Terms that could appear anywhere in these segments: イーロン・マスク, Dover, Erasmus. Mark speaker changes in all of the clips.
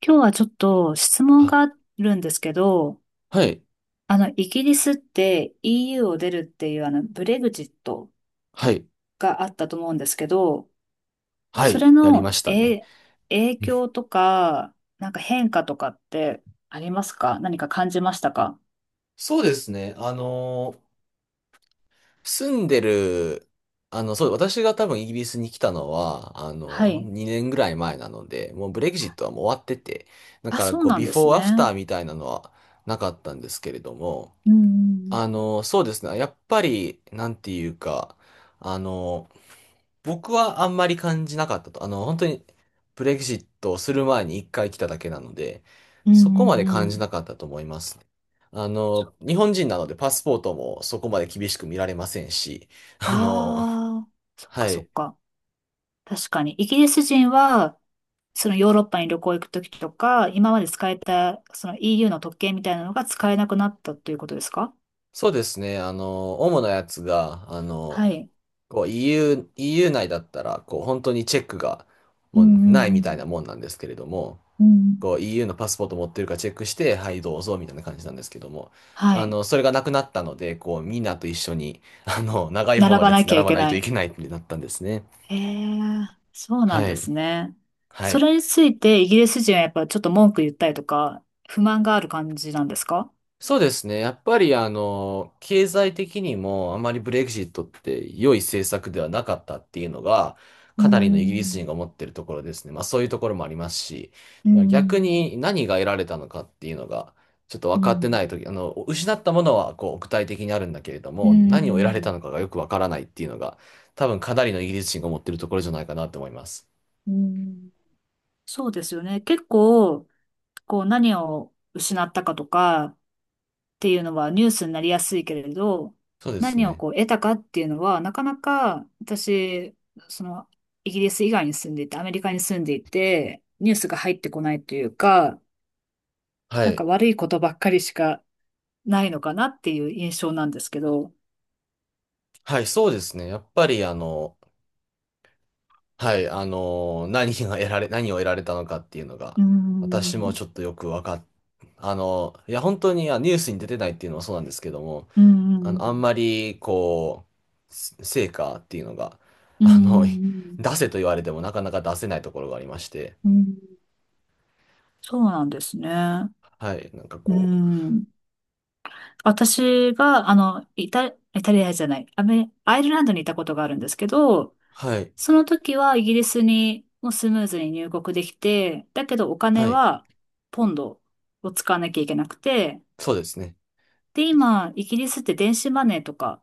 Speaker 1: 今日はちょっと質問
Speaker 2: あ、
Speaker 1: があるんですけど、
Speaker 2: はい、
Speaker 1: イギリスって EU を出るっていうブレグジット
Speaker 2: はい、
Speaker 1: があったと思うんですけど、
Speaker 2: は
Speaker 1: そ
Speaker 2: い、
Speaker 1: れ
Speaker 2: やりま
Speaker 1: の、
Speaker 2: したね。
Speaker 1: 影響とか、なんか変化とかってありますか？何か感じましたか？
Speaker 2: そうですね。住んでる、あの、そう、私が多分イギリスに来たのは、
Speaker 1: はい。
Speaker 2: 2年ぐらい前なので、もうブレグジットはもう終わってて、だ
Speaker 1: あ、
Speaker 2: から
Speaker 1: そう
Speaker 2: こう、
Speaker 1: なん
Speaker 2: ビ
Speaker 1: で
Speaker 2: フ
Speaker 1: す
Speaker 2: ォーアフター
Speaker 1: ね。
Speaker 2: みたいなのはなかったんですけれども、
Speaker 1: うん、
Speaker 2: そうですね。やっぱり、なんていうか、あの、僕はあんまり感じなかったと。本当にブレグジットをする前に一回来ただけなので、
Speaker 1: うん、う
Speaker 2: そこま
Speaker 1: ん、
Speaker 2: で
Speaker 1: うん。う
Speaker 2: 感じな
Speaker 1: ん。
Speaker 2: かったと思いますね。日本人なのでパスポートもそこまで厳しく見られませんし、あの、
Speaker 1: ああー、そっか
Speaker 2: は
Speaker 1: そっ
Speaker 2: い。
Speaker 1: か。確かに。イギリス人はそのヨーロッパに旅行行くときとか、今まで使えた、その EU の特権みたいなのが使えなくなったということですか？
Speaker 2: そうですね。主なやつが、
Speaker 1: はい。
Speaker 2: こう EU、イーユー内だったら、こう本当にチェックが
Speaker 1: う
Speaker 2: もう
Speaker 1: んう
Speaker 2: ない
Speaker 1: んう
Speaker 2: みたい
Speaker 1: ん。
Speaker 2: なもんなんですけれども、
Speaker 1: うん。
Speaker 2: こう EU のパスポート持ってるかチェックして、はい、どうぞ、みたいな感じなんですけども、
Speaker 1: はい。
Speaker 2: それがなくなったので、こう、みんなと一緒に、長い方
Speaker 1: 並
Speaker 2: の
Speaker 1: ば
Speaker 2: 列
Speaker 1: な
Speaker 2: に
Speaker 1: きゃ
Speaker 2: 並
Speaker 1: い
Speaker 2: ば
Speaker 1: け
Speaker 2: ない
Speaker 1: な
Speaker 2: とい
Speaker 1: い。
Speaker 2: けないってなったんですね。
Speaker 1: へえ、そうなん
Speaker 2: は
Speaker 1: で
Speaker 2: い。
Speaker 1: すね。
Speaker 2: は
Speaker 1: そ
Speaker 2: い。
Speaker 1: れについてイギリス人はやっぱちょっと文句言ったりとか、不満がある感じなんですか？
Speaker 2: そうですね。やっぱり経済的にもあまりブレグジットって良い政策ではなかったっていうのが、
Speaker 1: う
Speaker 2: かなりのイギリス人
Speaker 1: ん。
Speaker 2: が思ってるところですね。まあそういうところもありますし、
Speaker 1: う
Speaker 2: 逆
Speaker 1: ん。
Speaker 2: に何が得られたのかっていうのが、ちょっと
Speaker 1: う
Speaker 2: 分かってな
Speaker 1: ん。
Speaker 2: いとき、失ったものはこう具体的にあるんだけれど
Speaker 1: う
Speaker 2: も、何を得られた
Speaker 1: ん。
Speaker 2: のかがよく分からないっていうのが、多分かなりのイギリス人が思ってるところじゃないかなと思います。
Speaker 1: うん。そうですよね。結構、こう何を失ったかとか、っていうのはニュースになりやすいけれど、
Speaker 2: そうです
Speaker 1: 何を
Speaker 2: ね。
Speaker 1: こう得たかっていうのは、なかなか私、その、イギリス以外に住んでいて、アメリカに住んでいて、ニュースが入ってこないというか、
Speaker 2: は
Speaker 1: なんか
Speaker 2: い。
Speaker 1: 悪いことばっかりしかないのかなっていう印象なんですけど。
Speaker 2: はい、そうですね。やっぱりはい、何が得られ、何を得られたのかっていうの
Speaker 1: う
Speaker 2: が、
Speaker 1: ー
Speaker 2: 私も
Speaker 1: ん、
Speaker 2: ちょっとよくわかっ、あのーいや、本当に、ニュースに出てないっていうのはそうなんですけども、
Speaker 1: うーん、
Speaker 2: あんまり、こう、成果っていうのが、
Speaker 1: うー
Speaker 2: あの、い
Speaker 1: ん、
Speaker 2: 出せと言われてもなかなか出せないところがありまして、
Speaker 1: うーん、そうなんですね。
Speaker 2: はい、なんか
Speaker 1: うー
Speaker 2: こう、
Speaker 1: ん。私が、イタリアじゃない、アイルランドにいたことがあるんですけど、
Speaker 2: はい、
Speaker 1: その時はイギリスにもうスムーズに入国できて、だけどお金
Speaker 2: はい、
Speaker 1: はポンドを使わなきゃいけなくて、
Speaker 2: そうですね。
Speaker 1: で、今、イギリスって電子マネーとか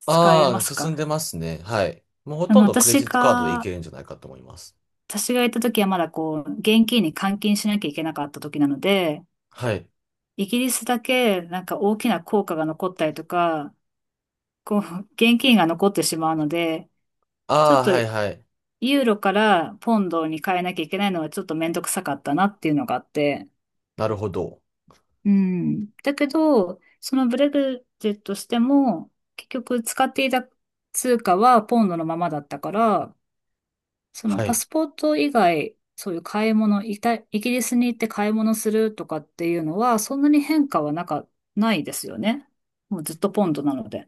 Speaker 1: 使え
Speaker 2: あ
Speaker 1: ま
Speaker 2: あ、
Speaker 1: す
Speaker 2: 進んで
Speaker 1: か？
Speaker 2: ますね。はい。もうほ
Speaker 1: あ
Speaker 2: とん
Speaker 1: の、
Speaker 2: どクレ
Speaker 1: 私
Speaker 2: ジットカードでいけ
Speaker 1: が、
Speaker 2: るんじゃないかと思います。
Speaker 1: 私が行った時はまだこう、現金に換金しなきゃいけなかった時なので、
Speaker 2: はい。
Speaker 1: イギリスだけなんか大きな効果が残ったりとか、こう、現金が残ってしまうので、ちょ
Speaker 2: あ
Speaker 1: っ
Speaker 2: あ、
Speaker 1: と
Speaker 2: はい、はい。
Speaker 1: ユーロからポンドに変えなきゃいけないのはちょっとめんどくさかったなっていうのがあって、
Speaker 2: なるほど。
Speaker 1: うん。だけど、そのブレグジットしても、結局使っていた通貨はポンドのままだったから、その
Speaker 2: は
Speaker 1: パ
Speaker 2: い。
Speaker 1: スポート以外、そういう買い物、イギリスに行って買い物するとかっていうのは、そんなに変化はなんか、ないですよね。もうずっとポンドなので。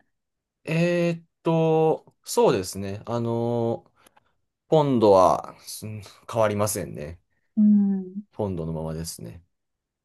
Speaker 2: そうですね。ポンドは、うん変わりませんね。
Speaker 1: うん。
Speaker 2: ポンドのままですね。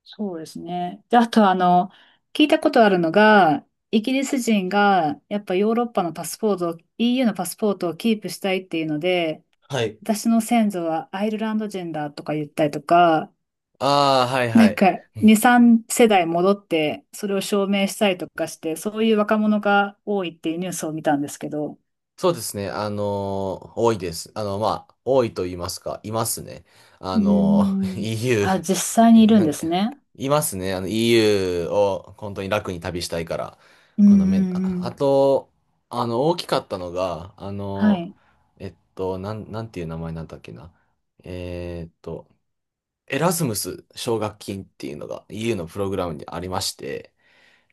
Speaker 1: そうですね。で、あと聞いたことあるのが、イギリス人がやっぱヨーロッパのパスポートを、EU のパスポートをキープしたいっていうので、
Speaker 2: はい。
Speaker 1: 私の先祖はアイルランド人だとか言ったりとか、
Speaker 2: ああ、はいは
Speaker 1: なん
Speaker 2: い。
Speaker 1: か2、3世代戻ってそれを証明したりとかして、そういう若者が多いっていうニュースを見たんですけど。
Speaker 2: そうですね。多いです。まあ、多いと言いますか、いますね。あ
Speaker 1: うー
Speaker 2: の
Speaker 1: ん。
Speaker 2: EU、え
Speaker 1: あ、実際
Speaker 2: ー
Speaker 1: にい
Speaker 2: な
Speaker 1: るん
Speaker 2: ん
Speaker 1: で
Speaker 2: か、
Speaker 1: すね。
Speaker 2: いますね。EU を本当に楽に旅したいから。
Speaker 1: うん
Speaker 2: このめ、
Speaker 1: う
Speaker 2: あ、
Speaker 1: んう
Speaker 2: あ
Speaker 1: ん。
Speaker 2: と、あの、大きかったのが、
Speaker 1: はい。
Speaker 2: なんていう名前なんだっけな。えーっと、エラズムス奨学金っていうのが EU のプログラムにありまして、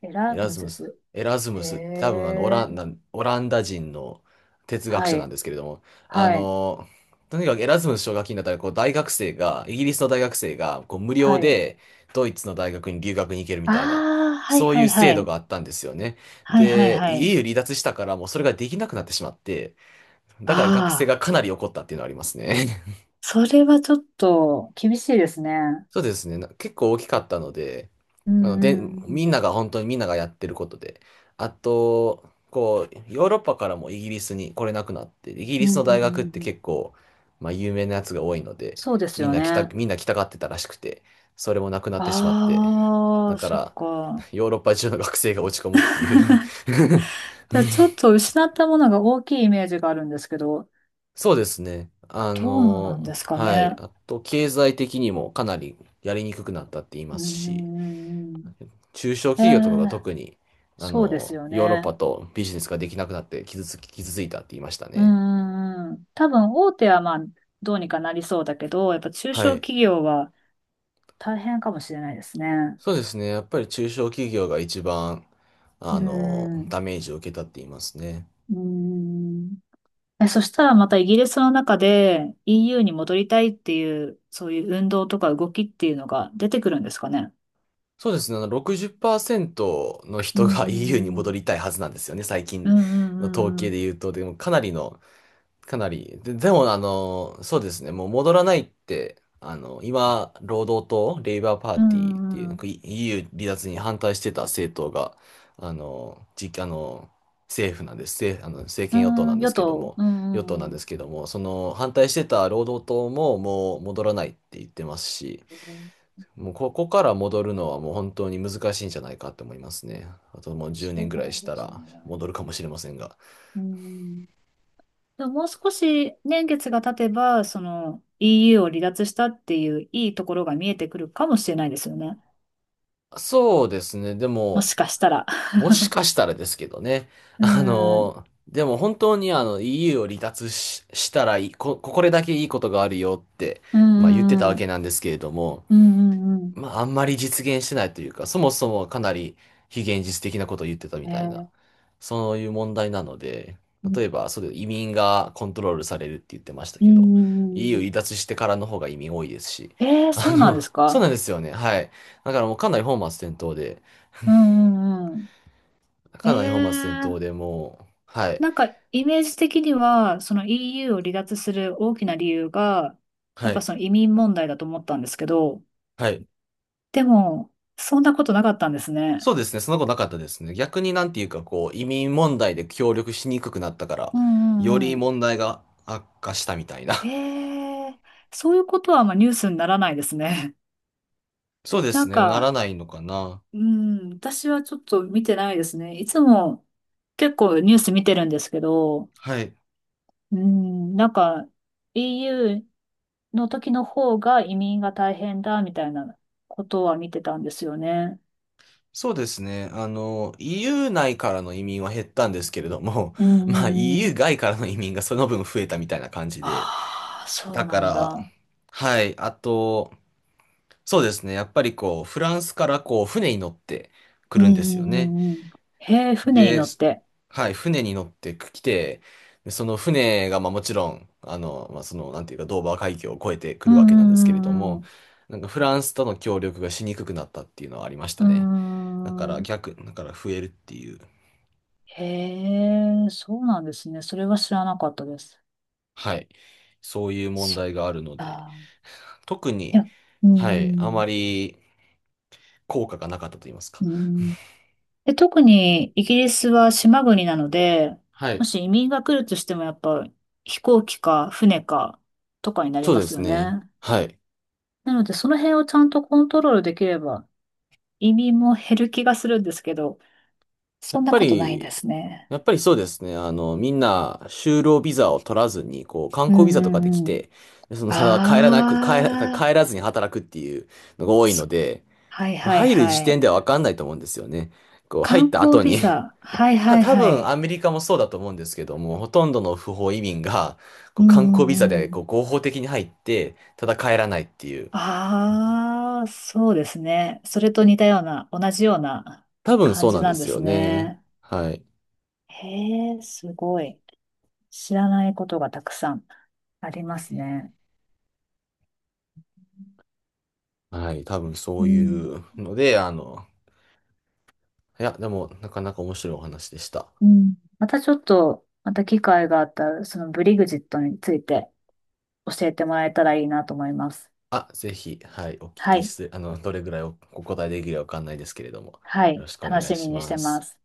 Speaker 1: エ
Speaker 2: エ
Speaker 1: ラ
Speaker 2: ラ
Speaker 1: ム
Speaker 2: ズ
Speaker 1: ズ
Speaker 2: ムス、
Speaker 1: ス。
Speaker 2: エラズム
Speaker 1: へ
Speaker 2: スって多分オラ
Speaker 1: え。
Speaker 2: ンダ、オランダ人の哲学
Speaker 1: は
Speaker 2: 者なん
Speaker 1: い。
Speaker 2: ですけれども、あ
Speaker 1: はい。
Speaker 2: の、とにかくエラズムス奨学金だったらこう大学生が、イギリスの大学生がこう無料
Speaker 1: はい。
Speaker 2: でドイツの大学に留学に行けるみ
Speaker 1: あ
Speaker 2: たいな、
Speaker 1: あ、はい
Speaker 2: そうい
Speaker 1: は
Speaker 2: う
Speaker 1: いは
Speaker 2: 制度
Speaker 1: い。
Speaker 2: があったんですよね。
Speaker 1: はいはい
Speaker 2: で、
Speaker 1: はい。
Speaker 2: EU 離脱したからもうそれができなくなってしまって、だから学生
Speaker 1: ああ、
Speaker 2: がかなり怒ったっていうのはありますね。
Speaker 1: それはちょっと厳しいですね。
Speaker 2: そうですね。結構大きかったので、
Speaker 1: うんう
Speaker 2: で、
Speaker 1: んう
Speaker 2: み
Speaker 1: ん。
Speaker 2: んなが本当にみんながやってることで、あと、こう、ヨーロッパからもイギリスに来れなくなって、イギ
Speaker 1: う
Speaker 2: リ
Speaker 1: ん
Speaker 2: ス
Speaker 1: う
Speaker 2: の
Speaker 1: ん
Speaker 2: 大
Speaker 1: う
Speaker 2: 学っ
Speaker 1: んう
Speaker 2: て
Speaker 1: ん。
Speaker 2: 結構、まあ、有名なやつが多いので、
Speaker 1: そうですよね。
Speaker 2: みんな来たがってたらしくて、それもなくなってしまって、
Speaker 1: あ
Speaker 2: だ
Speaker 1: あ、
Speaker 2: か
Speaker 1: そっ
Speaker 2: ら、
Speaker 1: か。
Speaker 2: ヨーロッパ中の学生が落ち込むっていう
Speaker 1: じゃあちょっと失ったものが大きいイメージがあるんですけど、
Speaker 2: そうですね。
Speaker 1: どうなんですか
Speaker 2: はい。
Speaker 1: ね？
Speaker 2: あと、経済的にもかなりやりにくくなったって言い
Speaker 1: う
Speaker 2: ま
Speaker 1: ー
Speaker 2: すし、
Speaker 1: ん。
Speaker 2: 中小
Speaker 1: ええ、
Speaker 2: 企業とかが特に、
Speaker 1: そうですよ
Speaker 2: ヨーロッパ
Speaker 1: ね。
Speaker 2: とビジネスができなくなって傷ついたって言いました
Speaker 1: うー
Speaker 2: ね。
Speaker 1: ん。多分大手はまあ、どうにかなりそうだけど、やっぱ中
Speaker 2: は
Speaker 1: 小
Speaker 2: い。
Speaker 1: 企業は大変かもしれないですね。
Speaker 2: そうですね。やっぱり中小企業が一番、
Speaker 1: うーん。う
Speaker 2: ダメージを受けたって言いますね。
Speaker 1: ーん。え、そしたらまたイギリスの中で EU に戻りたいっていう、そういう運動とか動きっていうのが出てくるんですかね？
Speaker 2: そうですね。60%の
Speaker 1: う
Speaker 2: 人が EU に戻
Speaker 1: ん
Speaker 2: りたいはずなんですよね。最
Speaker 1: うん
Speaker 2: 近
Speaker 1: うん。うん
Speaker 2: の統
Speaker 1: うんう
Speaker 2: 計で
Speaker 1: ん。
Speaker 2: 言うと、でもかなりのかなり。で、でも、そうですね。もう戻らないって、今、労働党、レイバーパー
Speaker 1: う
Speaker 2: ティーっ
Speaker 1: ん
Speaker 2: て
Speaker 1: う
Speaker 2: いう、な
Speaker 1: ん
Speaker 2: ん
Speaker 1: う
Speaker 2: か EU 離脱に反対してた政党が、あの、じ、あの、政府なんです。政、あの、政権与党
Speaker 1: ん。
Speaker 2: な
Speaker 1: うん、
Speaker 2: んで
Speaker 1: 与
Speaker 2: すけど
Speaker 1: 党。
Speaker 2: も、
Speaker 1: うんう
Speaker 2: 与党な
Speaker 1: ん
Speaker 2: ん
Speaker 1: う
Speaker 2: で
Speaker 1: ん。
Speaker 2: すけども、その反対してた労働党ももう戻らないって言ってますし、
Speaker 1: えー、
Speaker 2: もうここから戻るのはもう本当に難しいんじゃないかと思いますね。あともう10年
Speaker 1: そ
Speaker 2: ぐ
Speaker 1: う
Speaker 2: ら
Speaker 1: な
Speaker 2: い
Speaker 1: ん
Speaker 2: した
Speaker 1: です
Speaker 2: ら
Speaker 1: ね。
Speaker 2: 戻るかもしれませんが。
Speaker 1: うん。でももう少し年月が経てば、その EU を離脱したっていういいところが見えてくるかもしれないですよね。
Speaker 2: そうですね。で
Speaker 1: もし
Speaker 2: も、
Speaker 1: かしたら。
Speaker 2: もしかしたらですけどね。
Speaker 1: うん。う
Speaker 2: でも本当にEU を離脱し、したらいい、こ、これだけいいことがあるよって、
Speaker 1: んう
Speaker 2: まあ言ってた
Speaker 1: ん
Speaker 2: わ
Speaker 1: う
Speaker 2: け
Speaker 1: ん。
Speaker 2: なんですけれども、
Speaker 1: うんうんうん。
Speaker 2: まああんまり実現してないというか、そもそもかなり非現実的なことを言ってたみたいな、
Speaker 1: え
Speaker 2: そういう問題なので、例え
Speaker 1: ー、
Speaker 2: ば、それ移民がコントロールされるって言ってました
Speaker 1: うー
Speaker 2: けど、EU 離
Speaker 1: ん。
Speaker 2: 脱してからの方が移民多いですし、
Speaker 1: えー、そうなんです
Speaker 2: そうな
Speaker 1: か？
Speaker 2: んですよね。はい。だからもう
Speaker 1: うんうんうん。え
Speaker 2: かなり本末転倒
Speaker 1: ー、
Speaker 2: でもう、はい、
Speaker 1: なんかイメージ的には、その EU を離脱する大きな理由が、や
Speaker 2: は
Speaker 1: っぱ
Speaker 2: い、
Speaker 1: その移民問題だと思ったんですけど、
Speaker 2: はい。
Speaker 1: でも、そんなことなかったんですね。
Speaker 2: そうですね、そのことなかったですね。逆になんていうか、こう、移民問題で協力しにくくなったから、
Speaker 1: う
Speaker 2: よ
Speaker 1: んう
Speaker 2: り
Speaker 1: んうん。
Speaker 2: 問題が悪化したみたいな。
Speaker 1: えー、そういうことはあんまニュースにならないですね。
Speaker 2: そう で
Speaker 1: な
Speaker 2: す
Speaker 1: ん
Speaker 2: ね、なら
Speaker 1: か、
Speaker 2: ないのかな。
Speaker 1: うん、私はちょっと見てないですね。いつも結構ニュース見てるんですけど、
Speaker 2: はい。
Speaker 1: うん、なんか、EU の時の方が移民が大変だみたいなことは見てたんですよね。
Speaker 2: そうですね、EU 内からの移民は減ったんですけれども、
Speaker 1: うん
Speaker 2: まあ
Speaker 1: うんうん。
Speaker 2: EU 外からの移民がその分増えたみたいな感じで、
Speaker 1: ああ、そう
Speaker 2: だか
Speaker 1: なん
Speaker 2: ら、
Speaker 1: だ。
Speaker 2: はい、あと、そうですね、やっぱりこう、フランスからこう、船に乗ってく
Speaker 1: うん。う
Speaker 2: るんですよ
Speaker 1: んう
Speaker 2: ね。
Speaker 1: んうんうん。へえ、船に
Speaker 2: で、
Speaker 1: 乗っ
Speaker 2: す
Speaker 1: て。
Speaker 2: はい、船に乗ってきて、でその船が、まあもちろん、まあその、なんていうか、ドーバー海峡を越えてく
Speaker 1: うん
Speaker 2: るわけなんですけれど
Speaker 1: うんう
Speaker 2: も、
Speaker 1: ん
Speaker 2: なんかフランスとの協力がしにくくなったっていうのはありまし
Speaker 1: う
Speaker 2: たね。
Speaker 1: ん。うーん。
Speaker 2: だから増えるっていう、
Speaker 1: へえ、そうなんですね。それは知らなかったです。
Speaker 2: はい、そういう問
Speaker 1: そっ
Speaker 2: 題があるので、
Speaker 1: か。
Speaker 2: 特
Speaker 1: い
Speaker 2: に、
Speaker 1: や、う
Speaker 2: はい、あ
Speaker 1: ん、うん。
Speaker 2: まり効果がなかったと言いますか。
Speaker 1: うん。で、特にイギリスは島国なので、
Speaker 2: は
Speaker 1: も
Speaker 2: い、
Speaker 1: し移民が来るとしてもやっぱ飛行機か船かとかになり
Speaker 2: そう
Speaker 1: ま
Speaker 2: で
Speaker 1: す
Speaker 2: す
Speaker 1: よ
Speaker 2: ね。
Speaker 1: ね。
Speaker 2: はい。
Speaker 1: なのでその辺をちゃんとコントロールできれば移民も減る気がするんですけど、
Speaker 2: や
Speaker 1: そん
Speaker 2: っ
Speaker 1: な
Speaker 2: ぱ
Speaker 1: ことないんで
Speaker 2: り、
Speaker 1: すね。
Speaker 2: やっぱりそうですね。みんな、就労ビザを取らずに、こう、観
Speaker 1: う
Speaker 2: 光ビ
Speaker 1: ん
Speaker 2: ザとかで来
Speaker 1: うんうん。
Speaker 2: て、その、ただ帰らなく、帰ら、
Speaker 1: ああ、
Speaker 2: 帰らずに働くっていうのが多い
Speaker 1: そ
Speaker 2: ので、
Speaker 1: はいはい
Speaker 2: 入る
Speaker 1: は
Speaker 2: 時
Speaker 1: い。
Speaker 2: 点ではわかんないと思うんですよね。こう、入
Speaker 1: 観
Speaker 2: った後
Speaker 1: 光ビ
Speaker 2: に。
Speaker 1: ザ。はいはい
Speaker 2: 多
Speaker 1: は
Speaker 2: 分
Speaker 1: い。
Speaker 2: アメリカもそうだと思うんですけども、ほとんどの不法移民が、こ
Speaker 1: う
Speaker 2: う、
Speaker 1: ん
Speaker 2: 観光ビザ
Speaker 1: うんう
Speaker 2: で、こ
Speaker 1: ん。
Speaker 2: う、合法的に入って、ただ帰らないっていう。
Speaker 1: ああ、そうですね。それと似たような、同じような
Speaker 2: 多分
Speaker 1: 感
Speaker 2: そう
Speaker 1: じ
Speaker 2: なん
Speaker 1: な
Speaker 2: で
Speaker 1: んで
Speaker 2: すよ
Speaker 1: す
Speaker 2: ね。
Speaker 1: ね。
Speaker 2: はい。
Speaker 1: へえ、すごい。知らないことがたくさんありますね。
Speaker 2: はい。多分そ
Speaker 1: う
Speaker 2: う
Speaker 1: ん。
Speaker 2: いうので、いや、でも、なかなか面白いお話でした。
Speaker 1: うん。またちょっと、また機会があったら、そのブリグジットについて教えてもらえたらいいなと思います。
Speaker 2: あ、ぜひ、はい、お聞
Speaker 1: は
Speaker 2: き
Speaker 1: い。
Speaker 2: して、どれぐらいお答えできるかわかんないですけれども、
Speaker 1: は
Speaker 2: よろ
Speaker 1: い。
Speaker 2: しくお
Speaker 1: 楽
Speaker 2: 願い
Speaker 1: しみ
Speaker 2: し
Speaker 1: にし
Speaker 2: ま
Speaker 1: てま
Speaker 2: す。
Speaker 1: す。